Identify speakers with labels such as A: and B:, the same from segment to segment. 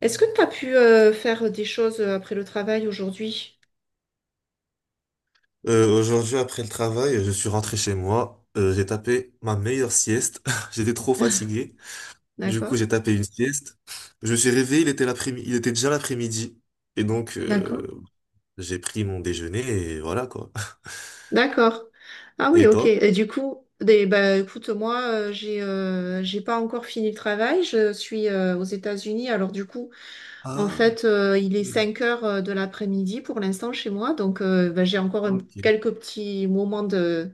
A: Est-ce que tu as pu faire des choses après le travail aujourd'hui?
B: Aujourd'hui, après le travail, je suis rentré chez moi. J'ai tapé ma meilleure sieste. J'étais trop fatigué. Du coup,
A: D'accord?
B: j'ai tapé une sieste. Je me suis réveillé, il était l'après-midi, il était déjà l'après-midi. Et donc,
A: D'accord?
B: j'ai pris mon déjeuner et voilà quoi.
A: D'accord. Ah oui,
B: Et
A: ok.
B: toi?
A: Et du coup, bah, écoute, moi, j'ai pas encore fini le travail. Je suis aux États-Unis. Alors du coup, en
B: Ah,
A: fait, il est 5 heures de l'après-midi pour l'instant chez moi. Donc, bah, j'ai encore
B: ok.
A: quelques petits moments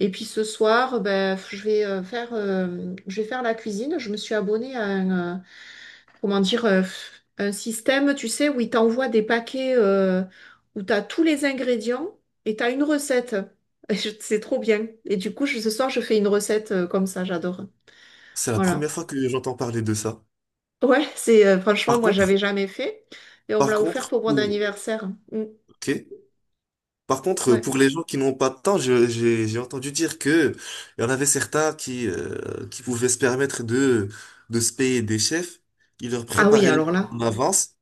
A: Et puis ce soir, bah, je vais faire la cuisine. Je me suis abonnée à comment dire, euh, un système, tu sais, où il t'envoie des paquets où tu as tous les ingrédients et tu as une recette. Et c'est trop bien. Et du coup, ce soir, je fais une recette comme ça, j'adore.
B: C'est la
A: Voilà.
B: première fois que j'entends parler de ça.
A: Ouais, c'est franchement,
B: Par
A: moi, j'avais
B: contre,
A: jamais fait. Et on me
B: par
A: l'a offert
B: contre,
A: pour mon
B: pour...
A: anniversaire. Mm.
B: Ok. Par contre,
A: Ouais.
B: pour les gens qui n'ont pas de temps, j'ai entendu dire que il y en avait certains qui pouvaient se permettre de se payer des chefs. Ils leur
A: Ah oui,
B: préparaient les
A: alors
B: plats
A: là.
B: en avance.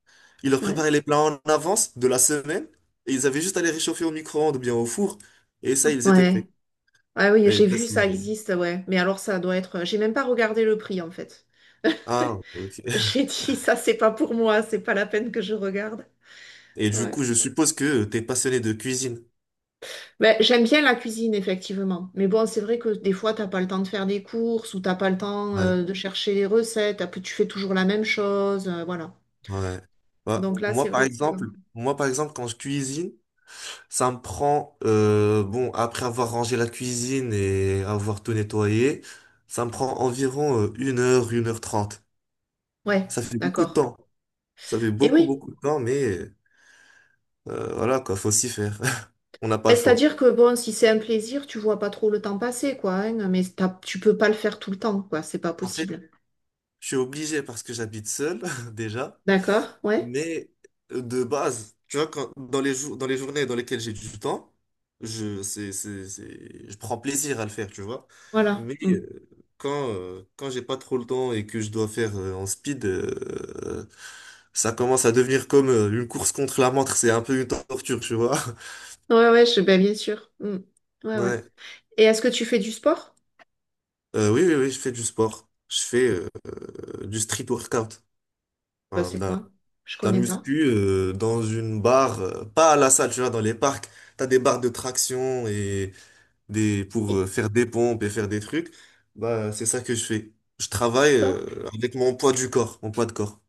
B: Ils leur
A: Ouais.
B: préparaient les plats en avance de la semaine et ils avaient juste à les réchauffer au micro-ondes ou bien au four et ça ils étaient
A: Ouais.
B: prêts.
A: Ah oui,
B: Et
A: j'ai
B: là
A: vu, ça
B: c'est
A: existe, ouais. Mais alors, ça doit être. J'ai même pas regardé le prix, en fait.
B: ah ok.
A: J'ai dit, ça, c'est pas pour moi, c'est pas la peine que je regarde.
B: Et du
A: Ouais.
B: coup, je suppose que t'es passionné de cuisine.
A: Ben, j'aime bien la cuisine, effectivement. Mais bon, c'est vrai que des fois, t'as pas le temps de faire des courses ou t'as pas le temps
B: Ouais
A: de chercher les recettes. Après, tu fais toujours la même chose. Voilà.
B: ouais. Ouais.
A: Donc là, c'est vrai que c'est pas mal.
B: Moi par exemple quand je cuisine, ça me prend, bon, après avoir rangé la cuisine et avoir tout nettoyé, ça me prend environ 1 h, 1 h 30.
A: Ouais,
B: Ça fait beaucoup de
A: d'accord.
B: temps. Ça fait
A: Et
B: beaucoup,
A: oui,
B: beaucoup de temps, mais voilà quoi, faut s'y faire. On n'a pas
A: ben,
B: le choix.
A: c'est-à-dire que bon, si c'est un plaisir, tu vois pas trop le temps passer, quoi, hein, mais tu peux pas le faire tout le temps, quoi. C'est pas
B: En fait,
A: possible.
B: je suis obligé parce que j'habite seul déjà.
A: D'accord? Ouais.
B: Mais de base, tu vois, dans les jours, dans les journées dans lesquelles j'ai du temps, je, c'est- je prends plaisir à le faire, tu vois.
A: Voilà.
B: Mais
A: Mm.
B: quand j'ai pas trop le temps et que je dois faire en speed, ça commence à devenir comme une course contre la montre, c'est un peu une torture, tu vois.
A: Ouais, ouais, ben, bien sûr. Mm. Ouais, ouais.
B: Ouais.
A: Et est-ce que tu fais du sport?
B: Oui, je fais du sport. Je fais du street workout,
A: Ben,
B: Enfin, de
A: c'est
B: la- de
A: quoi? Je
B: la
A: connais pas.
B: muscu dans une barre, pas à la salle, tu vois, dans les parcs, t'as des barres de traction et des pour faire des pompes et faire des trucs. Bah, c'est ça que je fais. Je travaille
A: Sport.
B: avec mon poids de corps.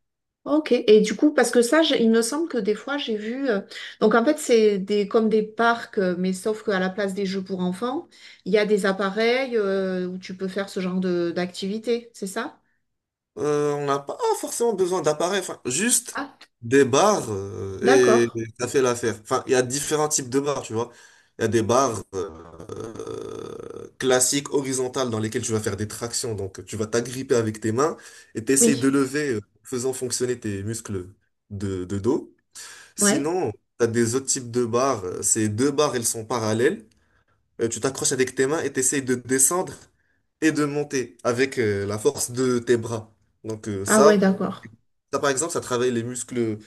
A: Ok, et du coup, parce que ça, il me semble que des fois, j'ai vu. Donc, en fait, c'est des comme des parcs, mais sauf qu'à la place des jeux pour enfants, il y a des appareils où tu peux faire ce genre de d'activité, c'est ça?
B: On n'a pas forcément besoin d'appareils, enfin, juste
A: Ah,
B: des barres et
A: d'accord.
B: ça fait l'affaire. Enfin, il y a différents types de barres, tu vois. Il y a des barres classiques, horizontales, dans lesquelles tu vas faire des tractions. Donc, tu vas t'agripper avec tes mains et t'essayes de
A: Oui,
B: lever, faisant fonctionner tes muscles de dos.
A: ouais.
B: Sinon, tu as des autres types de barres. Ces deux barres, elles sont parallèles. Tu t'accroches avec tes mains et t'essayes de descendre et de monter avec la force de tes bras. Donc euh,
A: Ah ouais,
B: ça,
A: d'accord.
B: ça par exemple, ça travaille les muscles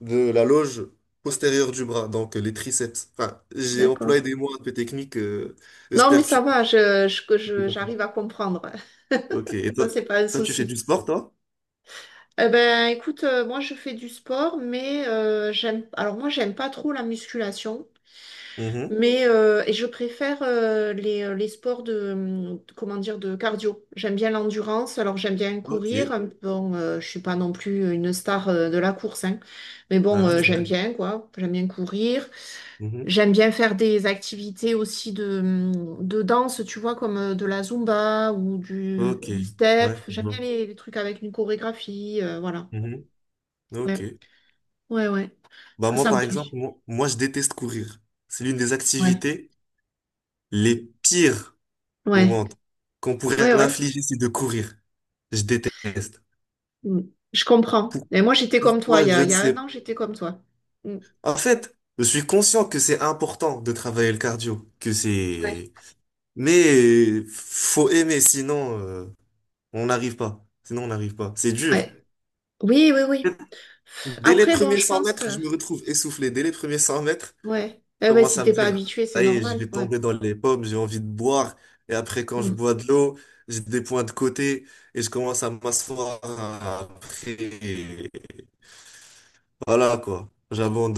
B: de la loge postérieure du bras, donc les triceps. Enfin, j'ai
A: D'accord.
B: employé des mots un peu techniques,
A: Non,
B: j'espère
A: mais
B: que
A: ça va,
B: tu comprends.
A: j'arrive à comprendre.
B: Ok, et toi,
A: Ça, c'est pas un
B: toi, tu fais du
A: souci.
B: sport, toi?
A: Eh ben, écoute, moi, je fais du sport, mais alors, moi, j'aime pas trop la musculation.
B: Mhm.
A: Mais et je préfère les sports de cardio. J'aime bien l'endurance, alors j'aime bien
B: Ok.
A: courir. Bon, je suis pas non plus une star de la course, hein. Mais bon,
B: Ah.
A: j'aime bien, quoi. J'aime bien courir.
B: Mhm.
A: J'aime bien faire des activités aussi de danse, tu vois, comme de la Zumba ou du,
B: Ok.
A: du step.
B: Ouais, je
A: J'aime bien
B: vois.
A: les trucs avec une chorégraphie, voilà.
B: Mhm. Ok.
A: Ouais, ouais, ouais.
B: Bah
A: Ça,
B: moi,
A: ça me
B: par
A: plaît.
B: exemple, je déteste courir. C'est l'une des
A: Ouais,
B: activités les pires au
A: ouais,
B: monde qu'on pourrait
A: ouais, ouais.
B: m'infliger, c'est de courir. Je déteste.
A: Mm. Je comprends. Et moi, j'étais comme toi. Il
B: Pourquoi,
A: y
B: je
A: a, il
B: ne
A: y a
B: sais
A: un
B: pas.
A: an, j'étais comme toi. Mm.
B: En fait, je suis conscient que c'est important de travailler le cardio, que
A: Ouais.
B: c'est... Mais faut aimer, sinon on n'arrive pas. Sinon on n'arrive pas. C'est dur.
A: Ouais. Oui, oui, oui.
B: Dès les
A: Après, bon,
B: premiers 100 mètres, je me retrouve essoufflé. Dès les premiers 100 mètres,
A: ouais. Eh
B: je
A: ben,
B: commence
A: si
B: à me
A: t'es pas
B: dire,
A: habitué, c'est
B: ça y est, je
A: normal.
B: vais
A: Ouais.
B: tomber dans les pommes, j'ai envie de boire. Et après, quand je
A: Mm.
B: bois de l'eau, j'ai des points de côté et je commence à m'asseoir après. Voilà quoi,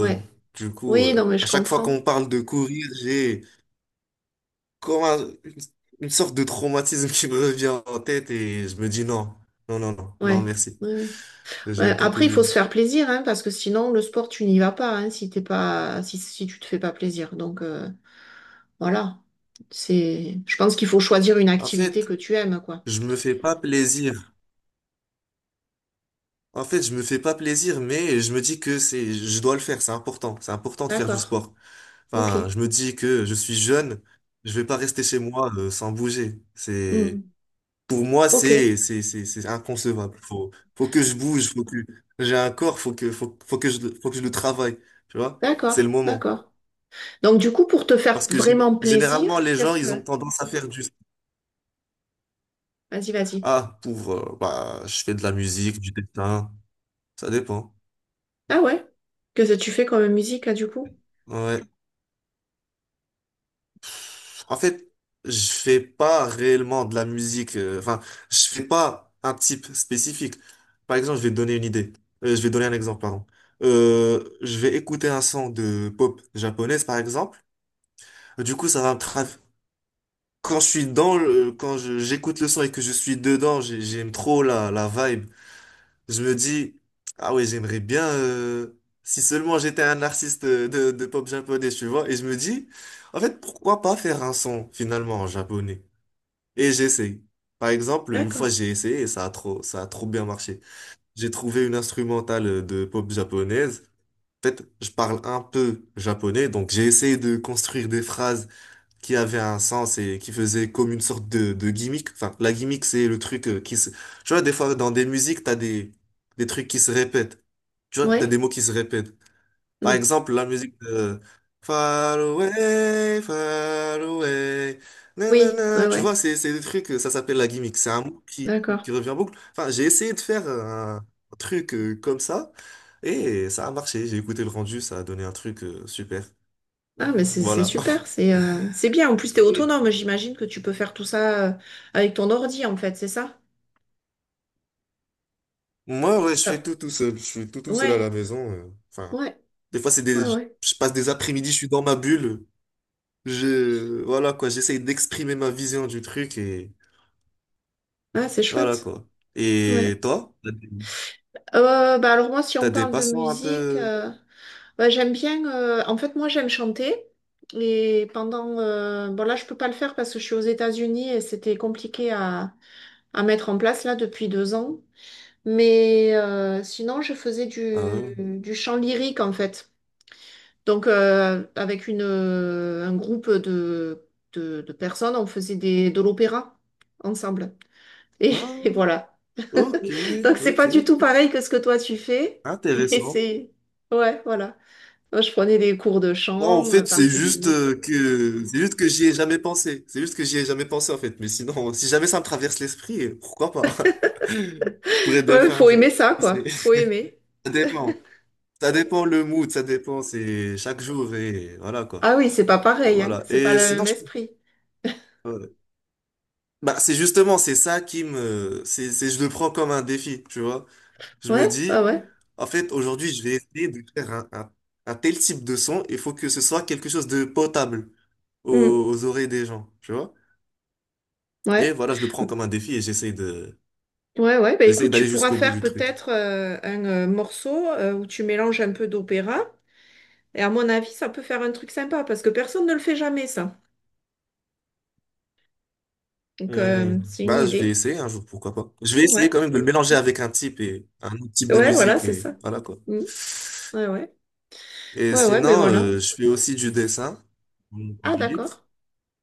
A: Ouais.
B: Du coup,
A: Oui, non, mais
B: à
A: je
B: chaque fois
A: comprends.
B: qu'on parle de courir, j'ai comme un- une, une sorte de traumatisme qui me revient en tête et je me dis non, non,
A: Ouais.
B: merci.
A: Ouais. Ouais.
B: Je vais
A: Ouais.
B: pas
A: Après, il faut
B: courir.
A: se faire plaisir, hein, parce que sinon, le sport, tu n'y vas pas, hein, si t'es pas... si tu te fais pas plaisir. Donc, voilà. Je pense qu'il faut choisir une
B: En
A: activité
B: fait,
A: que tu aimes, quoi.
B: je me fais pas plaisir. En fait, je me fais pas plaisir, mais je me dis je dois le faire, c'est important. C'est important de faire du
A: D'accord.
B: sport. Enfin,
A: OK.
B: je me dis que je suis jeune, je vais pas rester chez moi, sans bouger.
A: Mm.
B: Pour moi,
A: OK.
B: c'est inconcevable. Faut que je bouge, faut que j'ai un corps, faut que je le travaille, tu vois? C'est le
A: D'accord.
B: moment.
A: D'accord. Donc, du coup, pour te faire
B: Parce que
A: vraiment plaisir,
B: généralement les gens, ils ont tendance à faire juste
A: vas-y, vas-y.
B: ah pour bah je fais de la musique, du dessin, ça dépend.
A: Ah ouais? Qu'est-ce que tu fais comme musique, là, du coup?
B: Ouais. En fait, je fais pas réellement de la musique enfin, je fais pas un type spécifique. Par exemple, je vais te donner une idée. Je vais donner un exemple, pardon. Je vais écouter un son de pop japonaise par exemple. Du coup, ça va me tra- Quand je suis dans le... j'écoute le son et que je suis dedans, j'aime trop la vibe. Je me dis, ah ouais, j'aimerais bien, si seulement j'étais un artiste de pop japonais, tu vois. Et je me dis, en fait, pourquoi pas faire un son, finalement, en japonais? Et j'essaye. Par exemple, une
A: D'accord.
B: fois, j'ai essayé et ça a trop bien marché. J'ai trouvé une instrumentale de pop japonaise. En fait, je parle un peu japonais, donc j'ai essayé de construire des phrases qui avait un sens et qui faisait comme une sorte de gimmick. Enfin, la gimmick, c'est le truc qui se... Tu vois, des fois, dans des musiques, t'as des trucs qui se répètent. Tu vois, t'as
A: Ouais?
B: des mots qui se répètent. Par
A: Mm.
B: exemple, la musique de far away,
A: Oui, ouais,
B: nanana. Tu
A: ouais.
B: vois, c'est des trucs, ça s'appelle la gimmick. C'est un mot
A: D'accord.
B: qui revient en boucle. Enfin, j'ai essayé de faire un truc comme ça et ça a marché. J'ai écouté le rendu, ça a donné un truc super.
A: Ah, mais c'est
B: Voilà.
A: super, c'est bien. En plus, t'es autonome, j'imagine que tu peux faire tout ça avec ton ordi, en fait, c'est ça?
B: Moi, ouais, je
A: Ah,
B: fais tout tout seul. Je suis tout tout seul à
A: ouais,
B: la maison. Enfin,
A: ouais,
B: des fois, c'est des,
A: ouais, ouais.
B: je passe des après-midi, je suis dans ma bulle. Voilà quoi, j'essaye d'exprimer ma vision du truc et
A: Ah, c'est
B: voilà
A: chouette.
B: quoi.
A: Ouais.
B: Et toi,
A: Bah alors moi, si on
B: t'as des
A: parle de
B: passions un
A: musique...
B: peu.
A: euh, Bah, j'aime bien, en fait, moi, j'aime chanter. Et pendant, bon, là, je peux pas le faire parce que je suis aux États-Unis et c'était compliqué à mettre en place, là, depuis 2 ans. Mais sinon, je faisais
B: Ah, ouais.
A: du chant lyrique, en fait. Donc, avec un groupe de personnes, on faisait de l'opéra ensemble. Et,
B: Ah,
A: et voilà.
B: ok,
A: Donc, c'est
B: ok,
A: pas du tout pareil que ce que toi, tu fais. Mais
B: intéressant.
A: ouais, voilà. Moi, je prenais des cours de
B: Bon, en
A: chant Mhm,
B: fait,
A: particuliers.
B: c'est juste que j'y ai jamais pensé. C'est juste que j'y ai jamais pensé en fait. Mais sinon, si jamais ça me traverse l'esprit, pourquoi pas? Je pourrais bien
A: Ouais,
B: faire un
A: faut aimer
B: jour.
A: ça,
B: Qui
A: quoi.
B: sait?
A: Faut aimer.
B: Ça dépend. C'est chaque jour et voilà quoi.
A: Ah oui, c'est pas
B: Bah,
A: pareil, hein.
B: voilà.
A: C'est pas le même esprit.
B: Ouais. C'est justement, c'est ça qui me, c'est, je le prends comme un défi, tu vois. Je me
A: Ouais, ouais,
B: dis,
A: ouais.
B: en fait, aujourd'hui, je vais essayer de faire un tel type de son, il faut que ce soit quelque chose de potable
A: Mm.
B: aux oreilles des gens, tu vois. Et
A: Ouais.
B: voilà, je le prends comme un défi et
A: Ouais, ouais. Bah,
B: j'essaye
A: écoute, tu
B: d'aller
A: pourras
B: jusqu'au bout
A: faire
B: du truc.
A: peut-être un morceau où tu mélanges un peu d'opéra. Et à mon avis, ça peut faire un truc sympa parce que personne ne le fait jamais, ça. Donc,
B: Mhm.
A: c'est une
B: Bah, je vais
A: idée.
B: essayer un jour, pourquoi pas. Je vais essayer
A: Ouais.
B: quand même de le mélanger avec un type et un autre type de
A: Ouais, voilà,
B: musique
A: c'est
B: et
A: ça.
B: voilà quoi.
A: Mm. Ouais, ouais.
B: Et
A: Ouais, ouais, mais
B: sinon,
A: voilà.
B: je fais aussi du dessin en
A: Ah,
B: temps libre.
A: d'accord.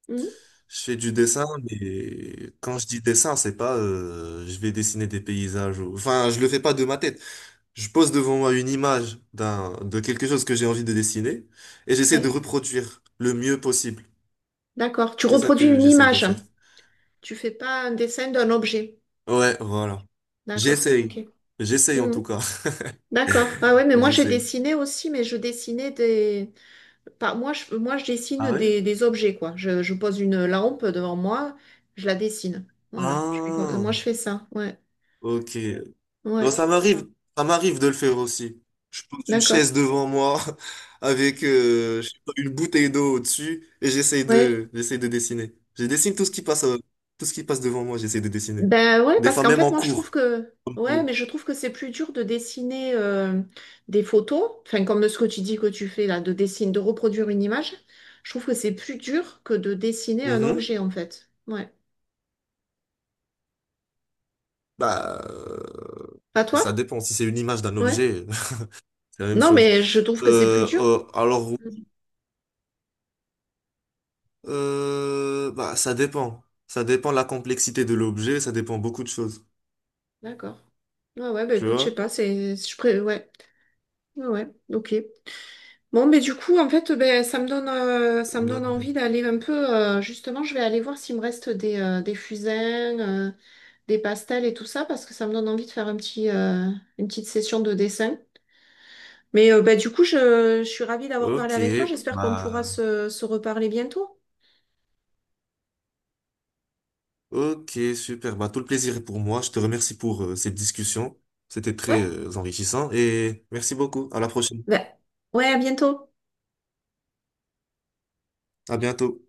A: Mm.
B: Je fais du dessin, mais quand je dis dessin, c'est pas je vais dessiner des paysages. Enfin, je le fais pas de ma tête. Je pose devant moi une image d'un de quelque chose que j'ai envie de dessiner et j'essaie de
A: Ouais.
B: reproduire le mieux possible.
A: D'accord. Tu
B: C'est ça
A: reproduis
B: que
A: une
B: j'essaie de
A: image,
B: faire.
A: hein. Tu fais pas un dessin d'un objet.
B: Ouais, voilà.
A: D'accord. Ok.
B: J'essaye. J'essaye en
A: Hmm.
B: tout cas.
A: D'accord. Ah ouais, mais moi j'ai
B: J'essaye.
A: dessiné aussi, mais je dessinais des. Pas, moi, je dessine
B: Ah ouais?
A: des objets, quoi. Je pose une lampe devant moi, je la dessine. Voilà.
B: Ah,
A: Moi, je fais ça. Ouais.
B: ok. Non,
A: Ouais.
B: ça m'arrive de le faire aussi. Je pose une
A: D'accord.
B: chaise devant moi avec je sais pas, une bouteille d'eau au-dessus et
A: Ouais.
B: j'essaye de dessiner. Je dessine tout ce qui passe, tout ce qui passe devant moi, j'essaye de dessiner.
A: Ben ouais,
B: Des
A: parce
B: fois
A: qu'en
B: même
A: fait,
B: en
A: moi, je trouve
B: cours.
A: que...
B: Ok.
A: Ouais, mais je trouve que c'est plus dur de dessiner des photos, enfin, comme ce que tu dis que tu fais là, de dessiner, de reproduire une image. Je trouve que c'est plus dur que de dessiner un
B: Mhm.
A: objet, en fait. Ouais.
B: Bah, euh,
A: Pas
B: ça
A: toi?
B: dépend. Si c'est une image d'un
A: Ouais.
B: objet, c'est la même
A: Non,
B: chose.
A: mais je trouve que c'est plus dur. Mm.
B: Oui, ça dépend. Ça dépend de la complexité de l'objet, ça dépend beaucoup de choses.
A: D'accord. Ouais, ouais, bah
B: Tu
A: écoute, je sais
B: vois?
A: pas, ouais. Ouais, ouais, ok. Bon, mais du coup, en fait, ben, ça me donne, euh, ça me
B: Bah,
A: donne envie d'aller un peu... justement, je vais aller voir s'il me reste des fusains, des pastels et tout ça parce que ça me donne envie de faire une petite session de dessin. Mais bah, du coup, je suis ravie d'avoir parlé
B: Ok,
A: avec toi. J'espère qu'on pourra
B: bah,
A: se reparler bientôt.
B: Ok, super. Bah, tout le plaisir est pour moi. Je te remercie pour cette discussion. C'était très
A: Ouais,
B: enrichissant et merci beaucoup. À la prochaine.
A: bah, ouais, à bientôt.
B: À bientôt.